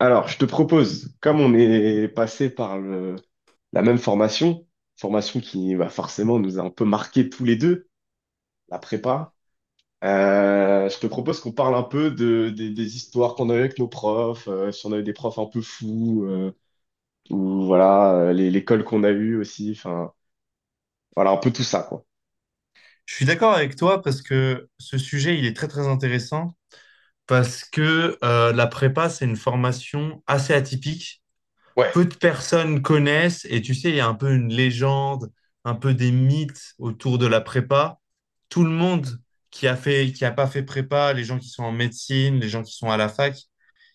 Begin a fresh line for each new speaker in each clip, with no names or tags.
Alors, je te propose, comme on est passé par la même formation qui va forcément nous a un peu marqué tous les deux, la prépa. Je te propose qu'on parle un peu de, des histoires qu'on a eues avec nos profs. Si on a eu des profs un peu fous. Ou voilà, l'école qu'on a eue aussi, enfin, voilà, un peu tout ça, quoi.
Je suis d'accord avec toi parce que ce sujet, il est très très intéressant parce que la prépa, c'est une formation assez atypique.
Ouais,
Peu de personnes connaissent et tu sais, il y a un peu une légende, un peu des mythes autour de la prépa. Tout le monde qui a fait, qui a pas fait prépa, les gens qui sont en médecine, les gens qui sont à la fac,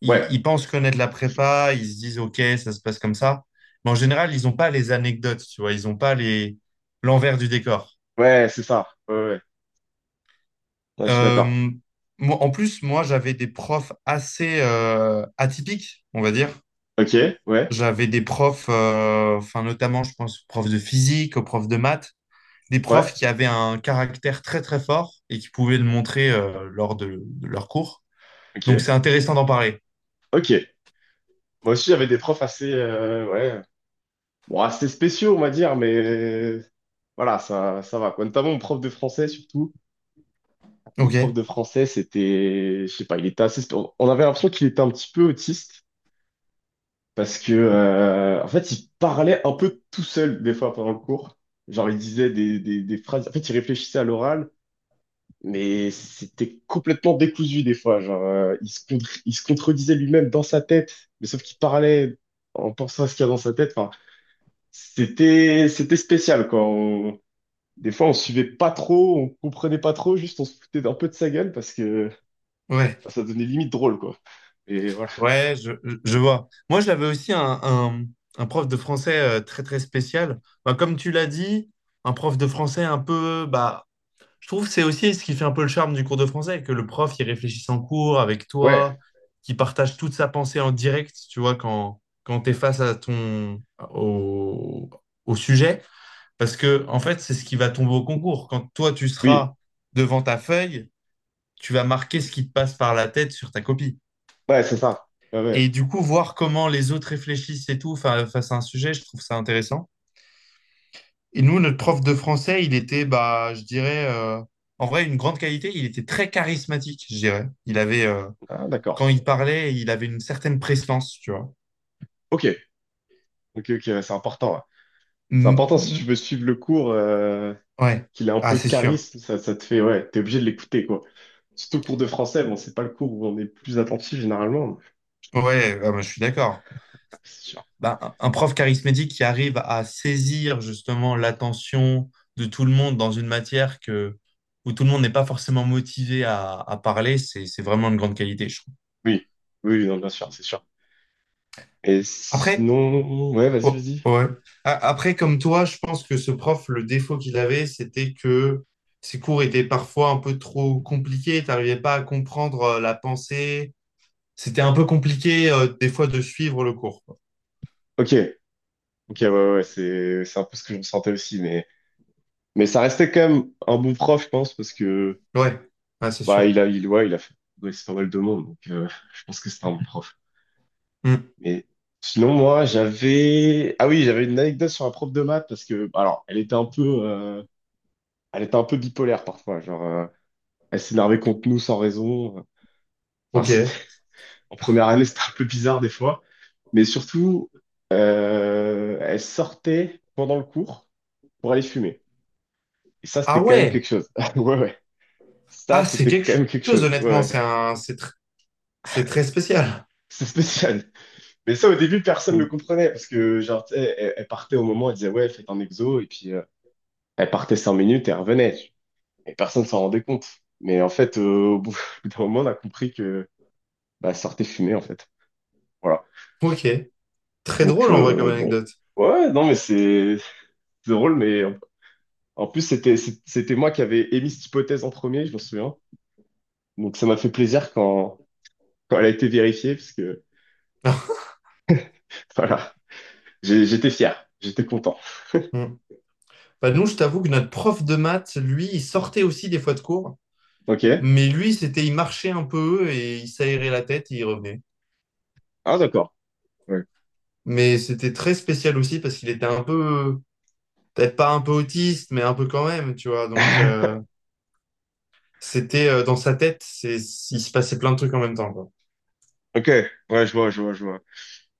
ils,
ouais,
ils pensent connaître la prépa, ils se disent OK, ça se passe comme ça. Mais en général, ils n'ont pas les anecdotes, tu vois, ils n'ont pas les l'envers du décor.
ouais, c'est ça, ouais, ouais. Ouais, je suis d'accord.
Euh, Moi, en plus, moi, j'avais des profs assez atypiques, on va dire.
Ok, ouais,
J'avais des profs, enfin, notamment, je pense, aux profs de physique, aux profs de maths, des
ouais.
profs qui avaient un caractère très, très fort et qui pouvaient le montrer lors de leur cours. Donc,
Ok,
c'est intéressant d'en parler.
ok. Moi aussi, j'avais des profs assez, ouais. Bon, c'était spéciaux, on va dire, mais voilà, ça va, quoi. Notamment mon prof de français, surtout. Mon
Ok.
prof de français, c'était, je sais pas, il était assez, on avait l'impression qu'il était un petit peu autiste, parce que, en fait, il parlait un peu tout seul, des fois, pendant le cours. Genre, il disait des phrases. En fait, il réfléchissait à l'oral, mais c'était complètement décousu, des fois. Genre, il se contredisait lui-même dans sa tête, mais sauf qu'il parlait en pensant à ce qu'il y a dans sa tête. Enfin, c'était spécial, quoi. Des fois, on suivait pas trop, on comprenait pas trop, juste on se foutait un peu de sa gueule parce que
Ouais,
bah, ça devenait limite drôle, quoi. Et voilà.
ouais, je vois. Moi, j'avais aussi un prof de français très, très spécial. Bah, comme tu l'as dit, un prof de français un peu, bah, je trouve que c'est aussi ce qui fait un peu le charme du cours de français, que le prof, il réfléchisse en cours avec toi,
Ouais,
qui partage toute sa pensée en direct, tu vois, quand tu es face à au, au sujet. Parce que, en fait, c'est ce qui va tomber au concours. Quand toi, tu
oui,
seras devant ta feuille, tu vas marquer ce qui te passe par la tête sur ta copie.
ouais, c'est ça. Ouais, ouais.
Et du coup, voir comment les autres réfléchissent et tout face à un sujet, je trouve ça intéressant. Et nous, notre prof de français, il était, bah, je dirais, en vrai, une grande qualité. Il était très charismatique, je dirais.
Ah,
Quand
d'accord.
il parlait, il avait une certaine prestance, tu vois.
Ok, ok, ok, ouais, c'est important. Ouais. C'est
Mm,
important si tu
mm,
veux suivre le cours,
ouais,
qu'il a un
ah,
peu de
c'est sûr.
charisme, ça te fait, ouais, t'es obligé de l'écouter, quoi. Surtout le cours de français, bon, c'est pas le cours où on est le plus attentif généralement. mais-
Ouais, ah, bah, je suis d'accord.
ah, c'est sûr.
Bah, un prof charismatique qui arrive à saisir justement l'attention de tout le monde dans une matière où tout le monde n'est pas forcément motivé à parler, c'est vraiment une grande qualité, je trouve.
Oui, oui, oui, non, bien sûr, c'est sûr. Et
Après,
sinon, ouais, vas-y,
Oh,
vas-y.
ouais. Après, comme toi, je pense que ce prof, le défaut qu'il avait, c'était que ses cours étaient parfois un peu trop compliqués. T'arrivais pas à comprendre la pensée. C'était un peu compliqué, des fois, de suivre le cours, quoi.
Ok, ok, ouais, ouais, ouais, c'est un peu ce que je ressentais aussi, mais ça restait quand même un bon prof, je pense, parce que
Ouais, ouais, c'est
bah
sûr.
il a il ouais, il a fait progresser pas mal de monde, donc je pense que c'était un bon prof.
Hmm.
Mais sinon moi j'avais ah oui j'avais une anecdote sur un prof de maths parce que bah, alors elle était un peu euh, elle était un peu bipolaire parfois, genre elle s'énervait contre nous sans raison. Enfin
Ok.
c'était en première année, c'était un peu bizarre des fois, mais surtout elle sortait pendant le cours pour aller fumer. Et ça
Ah
c'était quand même quelque
ouais.
chose. Ouais, ouais, ça
Ah, c'est
c'était
quelque
quand même quelque
chose,
chose. Ouais,
honnêtement.
ouais.
C'est un... c'est tr- C'est très spécial.
C'est spécial. Mais ça, au début, personne le
Hmm.
comprenait parce que, genre, tu sais, elle partait au moment, elle disait, ouais, faites un exo, et puis elle partait 5 minutes et elle revenait. Et personne s'en rendait compte. Mais en fait, au bout d'un moment, on a compris que bah, elle sortait fumer, en fait. Voilà.
Ok. Très
Donc,
drôle, en vrai, comme
bon.
anecdote.
Ouais, non, mais c'est drôle, mais en plus, c'était moi qui avais émis cette hypothèse en premier, je m'en souviens. Donc, ça m'a fait plaisir quand, elle a été vérifiée, parce que, voilà. J'étais fier, j'étais content.
Hmm. Bah, nous, je t'avoue que notre prof de maths, lui, il sortait aussi des fois de cours.
Ok?
Mais lui, il marchait un peu et il s'aérait la tête et il revenait.
Ah, d'accord. Ouais.
Mais c'était très spécial aussi parce qu'il était un peu, peut-être pas un peu autiste, mais un peu quand même, tu vois. Donc, c'était dans sa tête, il se passait plein de trucs en même temps, quoi.
Ok, ouais, je vois, je vois, je vois.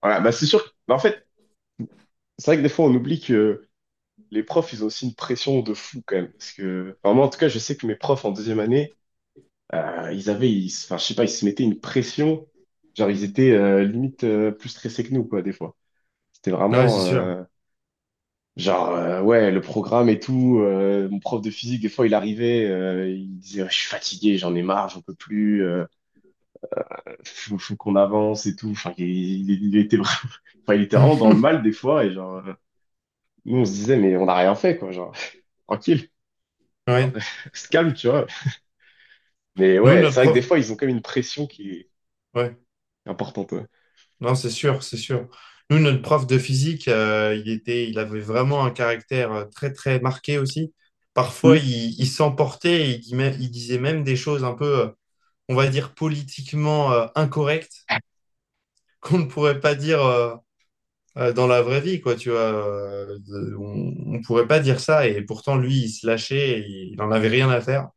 Voilà, bah c'est sûr. Bah, en fait, c'est vrai que des fois on oublie que les profs, ils ont aussi une pression de fou quand même. Parce que enfin, moi, en tout cas, je sais que mes profs en deuxième année, ils avaient, enfin, je sais pas, ils se mettaient une pression. Genre, ils étaient limite plus stressés que nous, quoi, des fois. C'était
Ouais, c'est
vraiment
sûr.
genre, ouais, le programme et tout. Mon prof de physique, des fois, il arrivait, il disait, ouais, je suis fatigué, j'en ai marre, j'en peux plus, faut qu'on avance et tout. Enfin, il était vraiment, enfin, il était vraiment dans le mal des fois et genre. Nous, on se disait, mais on n'a rien fait, quoi, genre, tranquille, genre,
Ouais.
se calme, tu vois. Mais
Nous,
ouais,
notre
c'est vrai que des
prof,
fois, ils ont comme une pression qui est
ouais.
importante. Ouais.
Non, c'est sûr, c'est sûr. Nous, notre prof de physique, il avait vraiment un caractère très, très marqué aussi.
Hmm.
Parfois, il s'emportait, et il disait même des choses un peu, on va dire, politiquement incorrectes qu'on ne pourrait pas dire dans la vraie vie, quoi, tu vois. On ne pourrait pas dire ça, et pourtant, lui, il se lâchait, et il n'en avait rien à faire.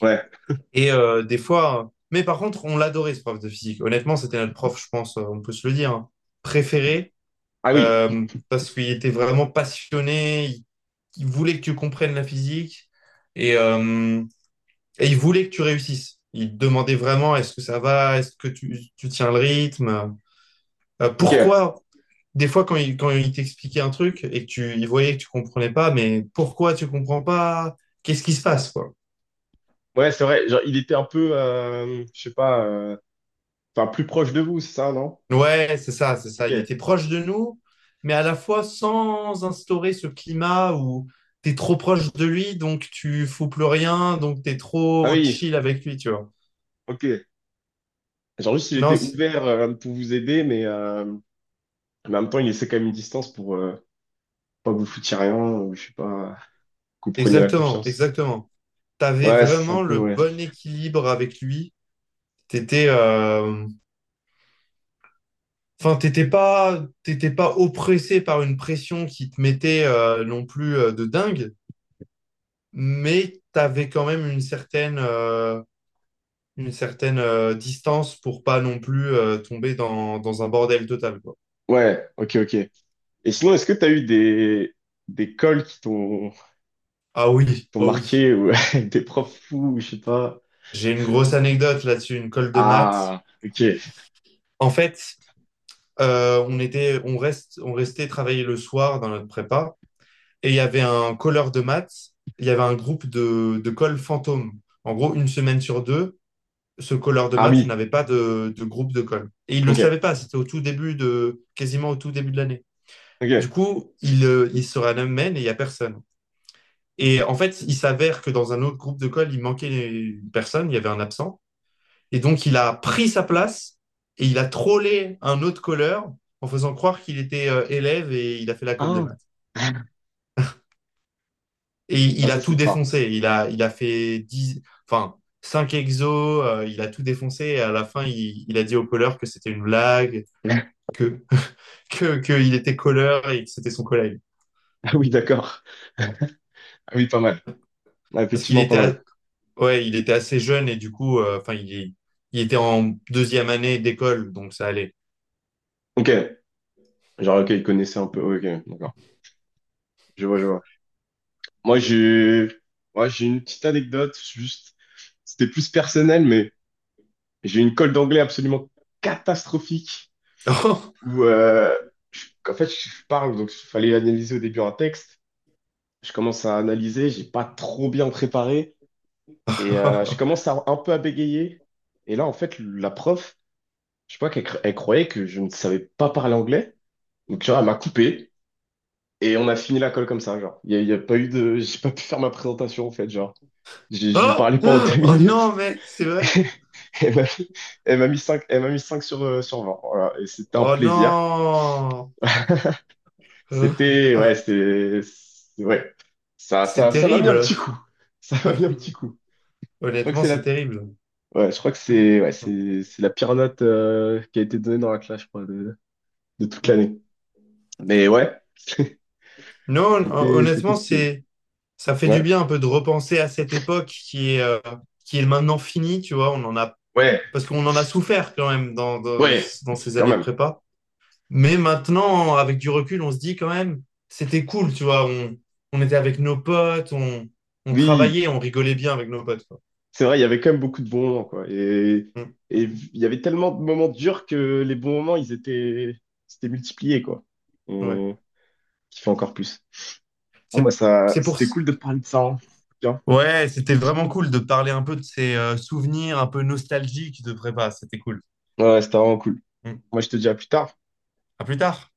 Ouais.
Mais par contre, on l'adorait, ce prof de physique. Honnêtement, c'était notre prof, je pense, on peut se le dire, hein, préféré,
Ah oui,
parce qu'il était vraiment passionné, il voulait que tu comprennes la physique, et, euh, et il voulait que tu réussisses. Il te demandait vraiment, est-ce que ça va, est-ce que tu tiens le rythme?
ok.
Pourquoi, des fois, quand il t'expliquait un truc et que tu il voyait que tu comprenais pas, mais pourquoi tu comprends pas? Qu'est-ce qui se passe, quoi?
Ouais, c'est vrai, genre, il était un peu, je sais pas, enfin, plus proche de vous, c'est ça, non?
Ouais, c'est ça, c'est ça.
Ok.
Il était proche de nous, mais à la fois sans instaurer ce climat où t'es trop proche de lui, donc tu fous plus rien, donc t'es
Ah
trop
oui,
chill avec lui, tu vois.
ok. Genre, juste, il
Non,
était ouvert pour vous aider, mais en même temps, il laissait quand même une distance pour pas que vous foutiez rien, ou je sais pas, que vous preniez la
exactement,
confiance.
exactement. T'avais
Ouais, c'est un
vraiment
peu,
le
ouais.
bon équilibre avec lui. T'étais, euh, Enfin, t'étais pas oppressé par une pression qui te mettait non plus de dingue, mais t'avais quand même une certaine distance pour pas non plus tomber dans un bordel total, quoi.
Ouais, ok, ok. Et sinon, est-ce que tu as eu des cols qui t'ont
Ah oui,
t'ont
oh oui.
marqué ou avec des profs fous, ou je sais pas.
J'ai une grosse anecdote là-dessus, une colle de maths.
Ah, ok.
En fait, on était, on reste, on restait travailler le soir dans notre prépa, et il y avait un colleur de maths, il y avait un groupe de colle fantôme. En gros, une semaine sur deux ce colleur de
Ah
maths
oui,
n'avait pas de groupe de colle. Et il ne le
ok,
savait pas, c'était au tout début de, quasiment au tout début de l'année. Du
ok.
coup, il se ramène et il n'y a personne. Et en fait, il s'avère que dans un autre groupe de colle, il manquait une personne, il y avait un absent. Et donc, il a pris sa place et il a trollé un autre colleur en faisant croire qu'il était élève et il a fait la colle de
Ah,
maths. Et
ah
il a
ça
tout
c'est fort.
défoncé. Il a fait 10, enfin, 5 exos, il a tout défoncé et à la fin, il a dit au colleur que c'était une blague, que, que qu'il était colleur et que c'était son collègue.
Ah oui, d'accord. Ah oui, pas mal. Ah,
Parce qu'il
effectivement, pas
était,
mal.
ouais, il était assez jeune et du coup, enfin, il était en deuxième année d'école, donc ça allait.
Ok. Genre, ok, ils connaissaient un peu. Ouais, ok, d'accord. Je vois, je vois. Moi, j'ai, moi, j'ai une petite anecdote, juste, c'était plus personnel, mais j'ai une colle d'anglais absolument catastrophique, où en fait je parle, donc il fallait analyser au début un texte. Je commence à analyser, j'ai pas trop bien préparé et je commence à, un peu à bégayer. Et là en fait la prof, je sais pas elle croyait que je ne savais pas parler anglais, donc tu vois elle m'a coupé et on a fini la colle comme ça genre. Il y a pas eu j'ai pas pu faire ma présentation en fait genre. J'ai
Oh,
parlé pendant deux
oh, oh
minutes.
non, mec, c'est vrai.
Elle m'a elle m'a mis 5, elle m'a mis 5 sur 20. Voilà. Et c'était un
Oh
plaisir.
non. Euh,
C'était,
ah,
ouais, ça,
c'est
ça, ça m'a mis un
terrible.
petit coup. Ça m'a mis un petit coup. Je crois que
Honnêtement,
c'est
c'est
la,
terrible.
ouais, je crois que c'est, ouais, c'est la pire note qui a été donnée dans la classe, je crois, de toute
Mm.
l'année. Mais ouais,
Non,
c'était
honnêtement,
stylé.
ça fait
Ouais,
du bien un peu de repenser à cette époque qui est maintenant finie, tu vois.
ouais,
Parce qu'on en a souffert quand même dans, dans,
ouais,
dans ces
quand
années de
même.
prépa. Mais maintenant, avec du recul, on se dit quand même, c'était cool, tu vois. On était avec nos potes, on
Oui,
travaillait, on rigolait bien avec nos potes, quoi.
c'est vrai, il y avait quand même beaucoup de bons moments, quoi. Et,
Mm,
et il y avait tellement de moments durs que les bons moments, ils étaient, c'était multipliés, quoi. On
ouais.
kiffait encore plus. Bon, bah
C'est,
ça,
c'est pour...
c'était
s-
cool de te parler de ça. Hein. Bien.
Ouais, c'était vraiment cool de parler un peu de ces souvenirs un peu nostalgiques de prépa. C'était cool.
Ouais, c'était vraiment cool.
Mm.
Moi, je te dis à plus tard.
À plus tard.